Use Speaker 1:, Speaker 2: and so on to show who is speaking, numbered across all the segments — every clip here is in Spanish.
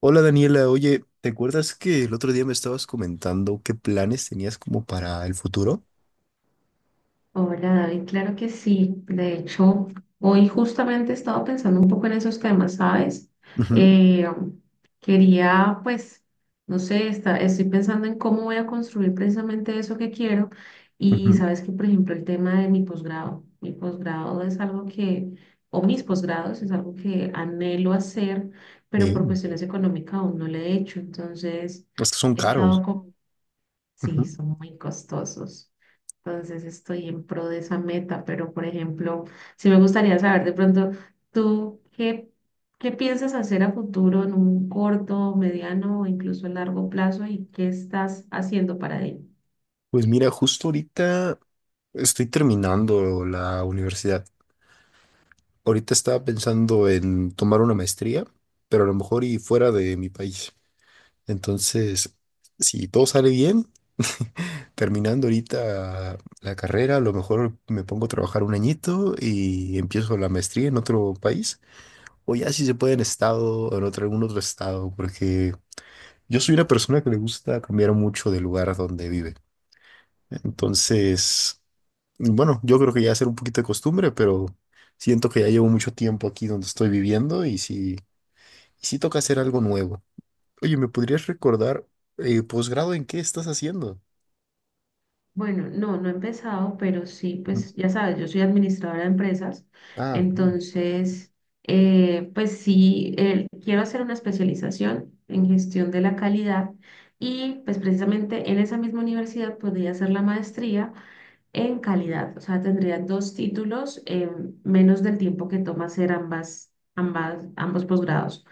Speaker 1: Hola Daniela, oye, ¿te acuerdas que el otro día me estabas comentando qué planes tenías como para el futuro?
Speaker 2: Oh, hola David, claro que sí. De hecho, hoy justamente estaba pensando un poco en esos temas, ¿sabes?
Speaker 1: Ujú,
Speaker 2: Eh, Quería, pues, no sé, estoy pensando en cómo voy a construir precisamente eso que quiero. Y
Speaker 1: ujú.
Speaker 2: sabes que, por ejemplo, el tema de mi posgrado. Mi posgrado es algo que, o mis posgrados es algo que anhelo hacer, pero
Speaker 1: Eh,
Speaker 2: por cuestiones económicas aún no lo he hecho. Entonces,
Speaker 1: es que son
Speaker 2: he
Speaker 1: caros.
Speaker 2: estado con. Sí,
Speaker 1: Ujú.
Speaker 2: son muy costosos. Entonces estoy en pro de esa meta, pero por ejemplo, sí me gustaría saber de pronto, ¿tú qué piensas hacer a futuro en un corto, mediano o incluso largo plazo y qué estás haciendo para ello?
Speaker 1: Pues mira, justo ahorita estoy terminando la universidad. Ahorita estaba pensando en tomar una maestría, pero a lo mejor y fuera de mi país. Entonces, si todo sale bien, terminando ahorita la carrera, a lo mejor me pongo a trabajar un añito y empiezo la maestría en otro país. O ya si se puede en estado o en otro, algún otro estado, porque yo soy una persona que le gusta cambiar mucho del lugar donde vive. Entonces, bueno, yo creo que ya será un poquito de costumbre, pero siento que ya llevo mucho tiempo aquí donde estoy viviendo y sí, toca hacer algo nuevo. Oye, ¿me podrías recordar posgrado en qué estás haciendo?
Speaker 2: Bueno, no, no he empezado, pero sí,
Speaker 1: Ujú.
Speaker 2: pues ya sabes, yo soy administradora de empresas,
Speaker 1: Ah, ok.
Speaker 2: entonces, pues sí, quiero hacer una especialización en gestión de la calidad y pues precisamente en esa misma universidad podría hacer la maestría en calidad. O sea, tendría dos títulos en menos del tiempo que toma hacer ambos posgrados.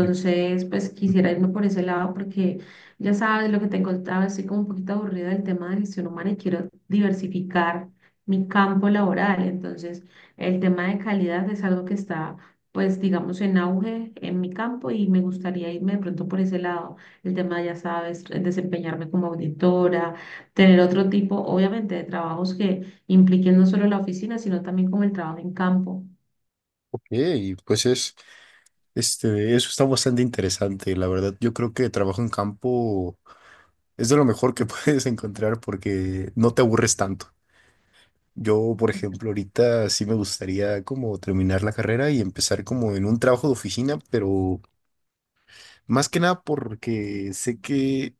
Speaker 1: Yo-
Speaker 2: pues quisiera
Speaker 1: Ujú.
Speaker 2: irme por ese lado porque ya sabes lo que te contaba, estoy como un poquito aburrida del tema de gestión humana y quiero diversificar mi campo laboral. Entonces, el tema de calidad es algo que está, pues, digamos, en auge en mi campo y me gustaría irme de pronto por ese lado. El tema, ya sabes, desempeñarme como auditora. Tener otro tipo, obviamente, de trabajos que impliquen no solo la oficina, sino también como el trabajo en campo.
Speaker 1: Ok, pues eso está bastante interesante, la verdad. Yo creo que trabajo en campo. Es de lo mejor que puedes encontrar porque no te aburres tanto. Yo, por ejemplo, ahorita sí me gustaría como terminar la carrera y empezar como en un trabajo de oficina, pero más que nada porque sé que,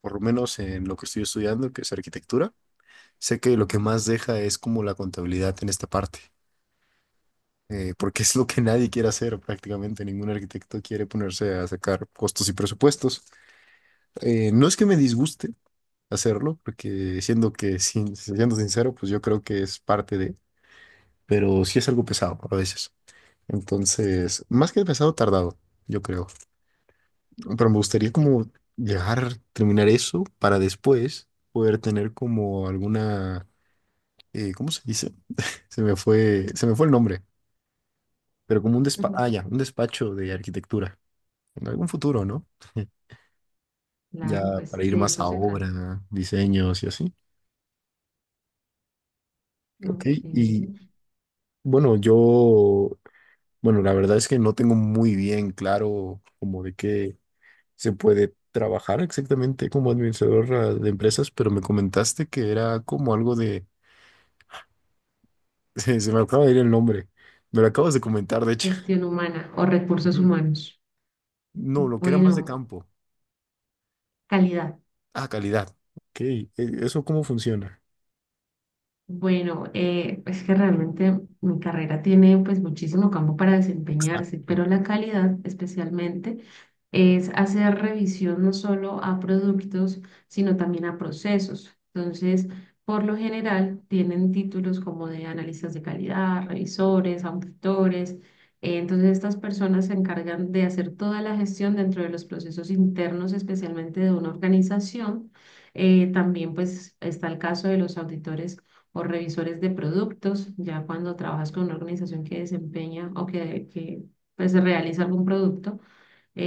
Speaker 1: por lo menos en lo que estoy estudiando, que es arquitectura, sé que lo que más deja es como la contabilidad en esta parte, porque es lo que nadie quiere hacer prácticamente. Ningún arquitecto quiere ponerse a sacar costos y presupuestos. No es que me disguste hacerlo, porque siendo que, sin, siendo sincero, pues yo creo que es parte de, pero sí es algo pesado a veces. Entonces, más que pesado, tardado, yo creo. Pero me gustaría como llegar, terminar eso para después poder tener como alguna, ¿cómo se dice? Se me fue el nombre, pero como un despacho,
Speaker 2: Ujú.
Speaker 1: ah, ya, un despacho de arquitectura. En algún futuro, ¿no? Ya
Speaker 2: Claro,
Speaker 1: para
Speaker 2: pues
Speaker 1: ir
Speaker 2: de
Speaker 1: más
Speaker 2: eso
Speaker 1: a
Speaker 2: se trata.
Speaker 1: obra, diseños y así. Ok,
Speaker 2: Ok.
Speaker 1: y bueno, yo Bueno, la verdad es que no tengo muy bien claro como de qué se puede trabajar exactamente como administrador de empresas, pero me comentaste que era como algo de... Se me acaba de ir el nombre. Me lo acabas de comentar, de hecho.
Speaker 2: Gestión humana o recursos
Speaker 1: Ujú.
Speaker 2: humanos.
Speaker 1: No, lo que era más de
Speaker 2: Bueno,
Speaker 1: campo.
Speaker 2: calidad.
Speaker 1: Ah, calidad. Ok, ¿eso cómo funciona?
Speaker 2: Bueno, es que realmente mi carrera tiene pues muchísimo campo para desempeñarse,
Speaker 1: Exacto.
Speaker 2: pero la calidad especialmente es hacer revisión no solo a productos, sino también a procesos. Entonces, por lo general, tienen títulos como de analistas de calidad, revisores, auditores. Entonces, estas personas se encargan de hacer toda la gestión dentro de los procesos internos, especialmente de una organización. También pues está el caso de los auditores o revisores de productos, ya cuando trabajas con una organización que desempeña o que pues, realiza algún producto,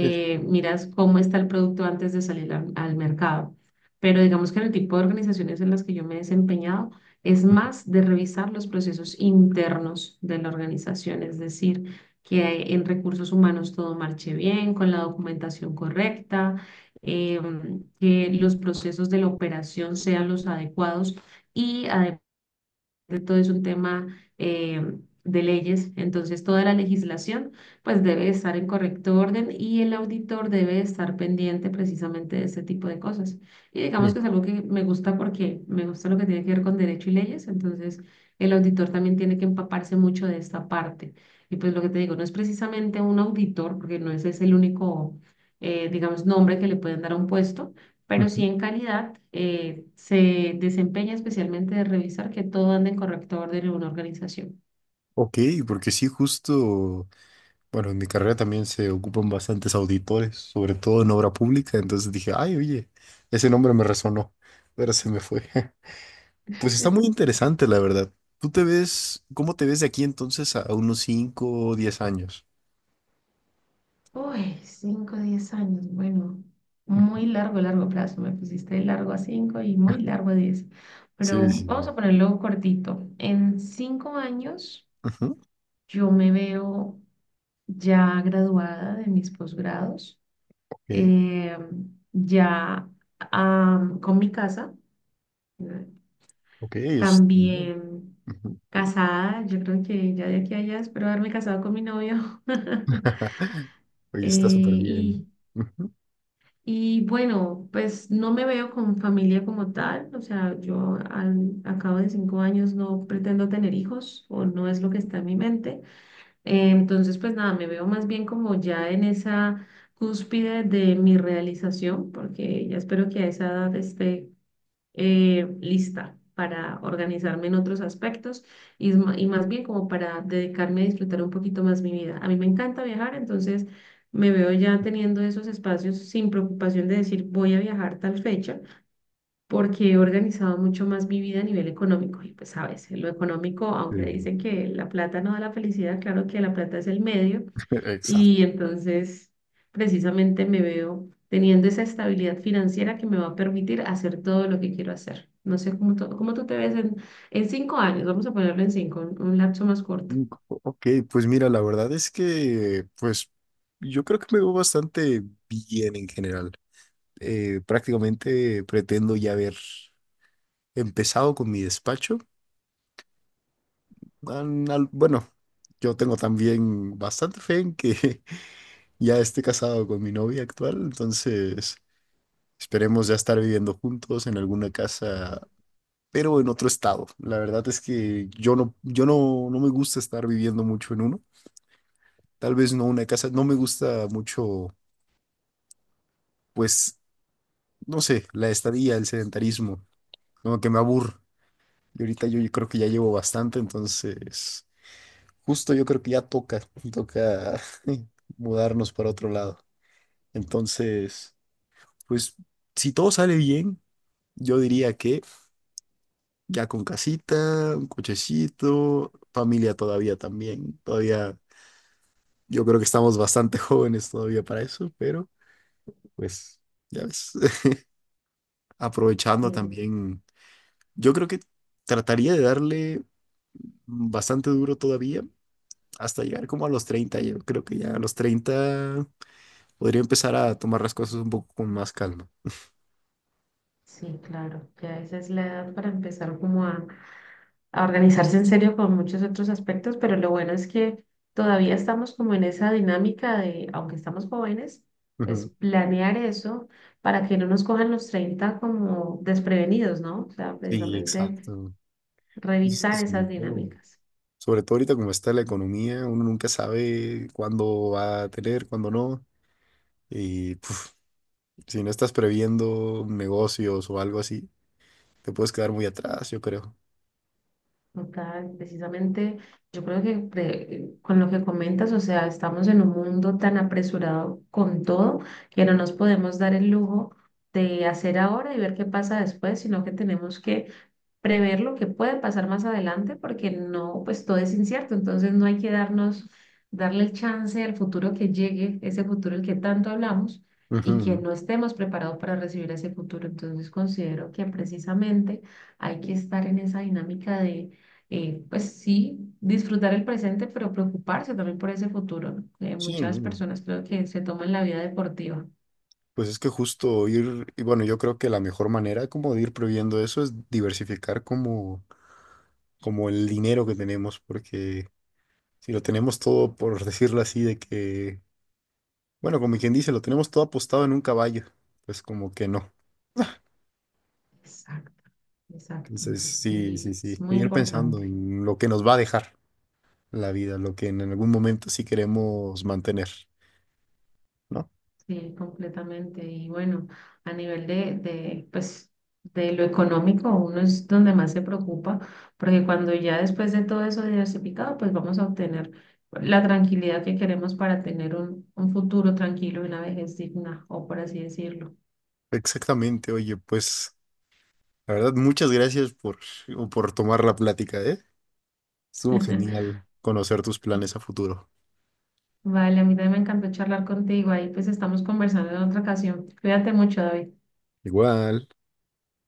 Speaker 1: Eh,
Speaker 2: miras cómo está el producto antes de salir al mercado. Pero digamos que en el tipo de organizaciones en las que yo me he desempeñado es más de revisar los procesos internos de la organización, es decir, que en recursos humanos todo marche bien, con la documentación correcta, que los procesos de la operación sean los adecuados y adecuados de todo es un tema eh, de leyes, entonces toda la legislación pues debe estar en correcto orden y el auditor debe estar pendiente precisamente de ese tipo de cosas. Y digamos que es algo que me gusta porque me gusta lo que tiene que ver con derecho y leyes, entonces el auditor también tiene que empaparse mucho de esta parte. Y pues lo que te digo, no es precisamente un auditor, porque no ese es el único, digamos, nombre que le pueden dar a un puesto, pero
Speaker 1: ujú.
Speaker 2: sí en calidad, se desempeña especialmente de revisar que todo ande en correcto orden en una organización.
Speaker 1: Ok, porque sí, justo. Bueno, en mi carrera también se ocupan bastantes auditores, sobre todo en obra pública, entonces dije, ay, oye, ese nombre me resonó, pero se me fue. Pues está muy interesante, la verdad. Cómo te ves de aquí entonces a unos 5 o 10 años?
Speaker 2: Uy, 5 10 años, bueno, muy largo, largo plazo. Me pusiste de largo a cinco y muy largo a 10,
Speaker 1: Sí,
Speaker 2: pero
Speaker 1: sí,
Speaker 2: vamos a
Speaker 1: sí.
Speaker 2: ponerlo cortito. En 5 años
Speaker 1: Ujú.
Speaker 2: yo me veo ya graduada de mis posgrados,
Speaker 1: Ok,
Speaker 2: eh, ya con mi casa.
Speaker 1: ok, está bien.
Speaker 2: También
Speaker 1: Ujú.
Speaker 2: casada, yo creo que ya de aquí a allá espero haberme casado con mi novio.
Speaker 1: Oye,
Speaker 2: Eh,
Speaker 1: está súper
Speaker 2: y,
Speaker 1: bien. ¿Eh? Ujú.
Speaker 2: y bueno, pues no me veo con familia como tal, o sea, yo a cabo de 5 años no pretendo tener hijos o no es lo que está en mi mente. Entonces, pues nada, me veo más bien como ya en esa cúspide de mi realización, porque ya espero que a esa edad esté lista para organizarme en otros aspectos y más bien como para dedicarme a disfrutar un poquito más mi vida. A mí me encanta viajar, entonces me veo ya teniendo esos espacios sin preocupación de decir voy a viajar tal fecha, porque he organizado mucho más mi vida a nivel económico. Y pues a veces lo económico, aunque
Speaker 1: Sí,
Speaker 2: dicen que la plata no da la felicidad, claro que la plata es el medio
Speaker 1: exacto.
Speaker 2: y entonces, precisamente me veo teniendo esa estabilidad financiera que me va a permitir hacer todo lo que quiero hacer. No sé cómo tú te ves en, 5 años, vamos a ponerlo en cinco, un lapso más corto.
Speaker 1: Ok, pues mira, la verdad es que, pues, yo creo que me veo bastante bien en general. Prácticamente pretendo ya haber empezado con mi despacho. Bueno, yo tengo también bastante fe en que ya esté casado con mi novia actual, entonces esperemos ya estar viviendo juntos en alguna casa, pero en otro estado. La verdad es que yo no, yo no, no me gusta estar viviendo mucho en uno. Tal vez no una casa, no me gusta mucho, pues, no sé, la estadía, el sedentarismo, como que me aburre. Y ahorita yo creo que ya llevo bastante, entonces justo yo creo que ya toca, toca mudarnos para otro lado. Entonces, pues si todo sale bien, yo diría que ya con casita, un cochecito, familia todavía también, todavía yo creo que estamos bastante jóvenes todavía para eso, pero pues ya ves,
Speaker 2: Sí,
Speaker 1: aprovechando también, yo creo que trataría de darle bastante duro todavía hasta llegar como a los 30. Yo creo que ya a los 30 podría empezar a tomar las cosas un poco con más calma.
Speaker 2: sí, claro, ya esa es la edad para empezar como a organizarse en serio con muchos otros aspectos, pero lo bueno es que todavía estamos como en esa dinámica de, aunque estamos jóvenes, pues
Speaker 1: Ujú.
Speaker 2: planear eso para que no nos cojan los 30 como desprevenidos, ¿no? O sea,
Speaker 1: Sí,
Speaker 2: precisamente
Speaker 1: exacto. Pues es que
Speaker 2: revisar esas dinámicas.
Speaker 1: sobre todo ahorita como está la economía, uno nunca sabe cuándo va a tener, cuándo no. Y puf, si no estás previendo negocios o algo así, te puedes quedar muy atrás, yo creo.
Speaker 2: O precisamente yo creo que con lo que comentas, o sea, estamos en un mundo tan apresurado con todo que no nos podemos dar el lujo de hacer ahora y ver qué pasa después, sino que tenemos que prever lo que puede pasar más adelante, porque no, pues todo es incierto, entonces no hay que darle el chance al futuro que llegue, ese futuro del que tanto hablamos, y que
Speaker 1: Ujú.
Speaker 2: no estemos preparados para recibir ese futuro. Entonces considero que precisamente hay que estar en esa dinámica de, pues sí, disfrutar el presente, pero preocuparse también por ese futuro, ¿no?
Speaker 1: Sí,
Speaker 2: Muchas
Speaker 1: no.
Speaker 2: personas creo que se toman la vida deportiva.
Speaker 1: Pues es que justo ir, y bueno, yo creo que la mejor manera como de ir previendo eso es diversificar como el dinero que tenemos, porque si lo tenemos todo, por decirlo así, de que, bueno, como quien dice, lo tenemos todo apostado en un caballo, pues como que no.
Speaker 2: Exacto, exacto.
Speaker 1: Entonces, sí, sí, sí,
Speaker 2: Es muy
Speaker 1: ir pensando
Speaker 2: importante.
Speaker 1: en lo que nos va a dejar la vida, lo que en algún momento sí queremos mantener, ¿no?
Speaker 2: Sí, completamente. Y bueno, a nivel de, pues, de lo económico, uno es donde más se preocupa, porque cuando ya después de todo eso diversificado, pues vamos a obtener la tranquilidad que queremos para tener un, futuro tranquilo y una vejez digna, o por así decirlo.
Speaker 1: Exactamente, oye, pues la verdad, muchas gracias por tomar la plática, ¿eh? Estuvo genial conocer tus planes a futuro.
Speaker 2: Vale, a mí también me encantó charlar contigo. Ahí pues estamos conversando en otra ocasión. Cuídate mucho, David.
Speaker 1: Igual.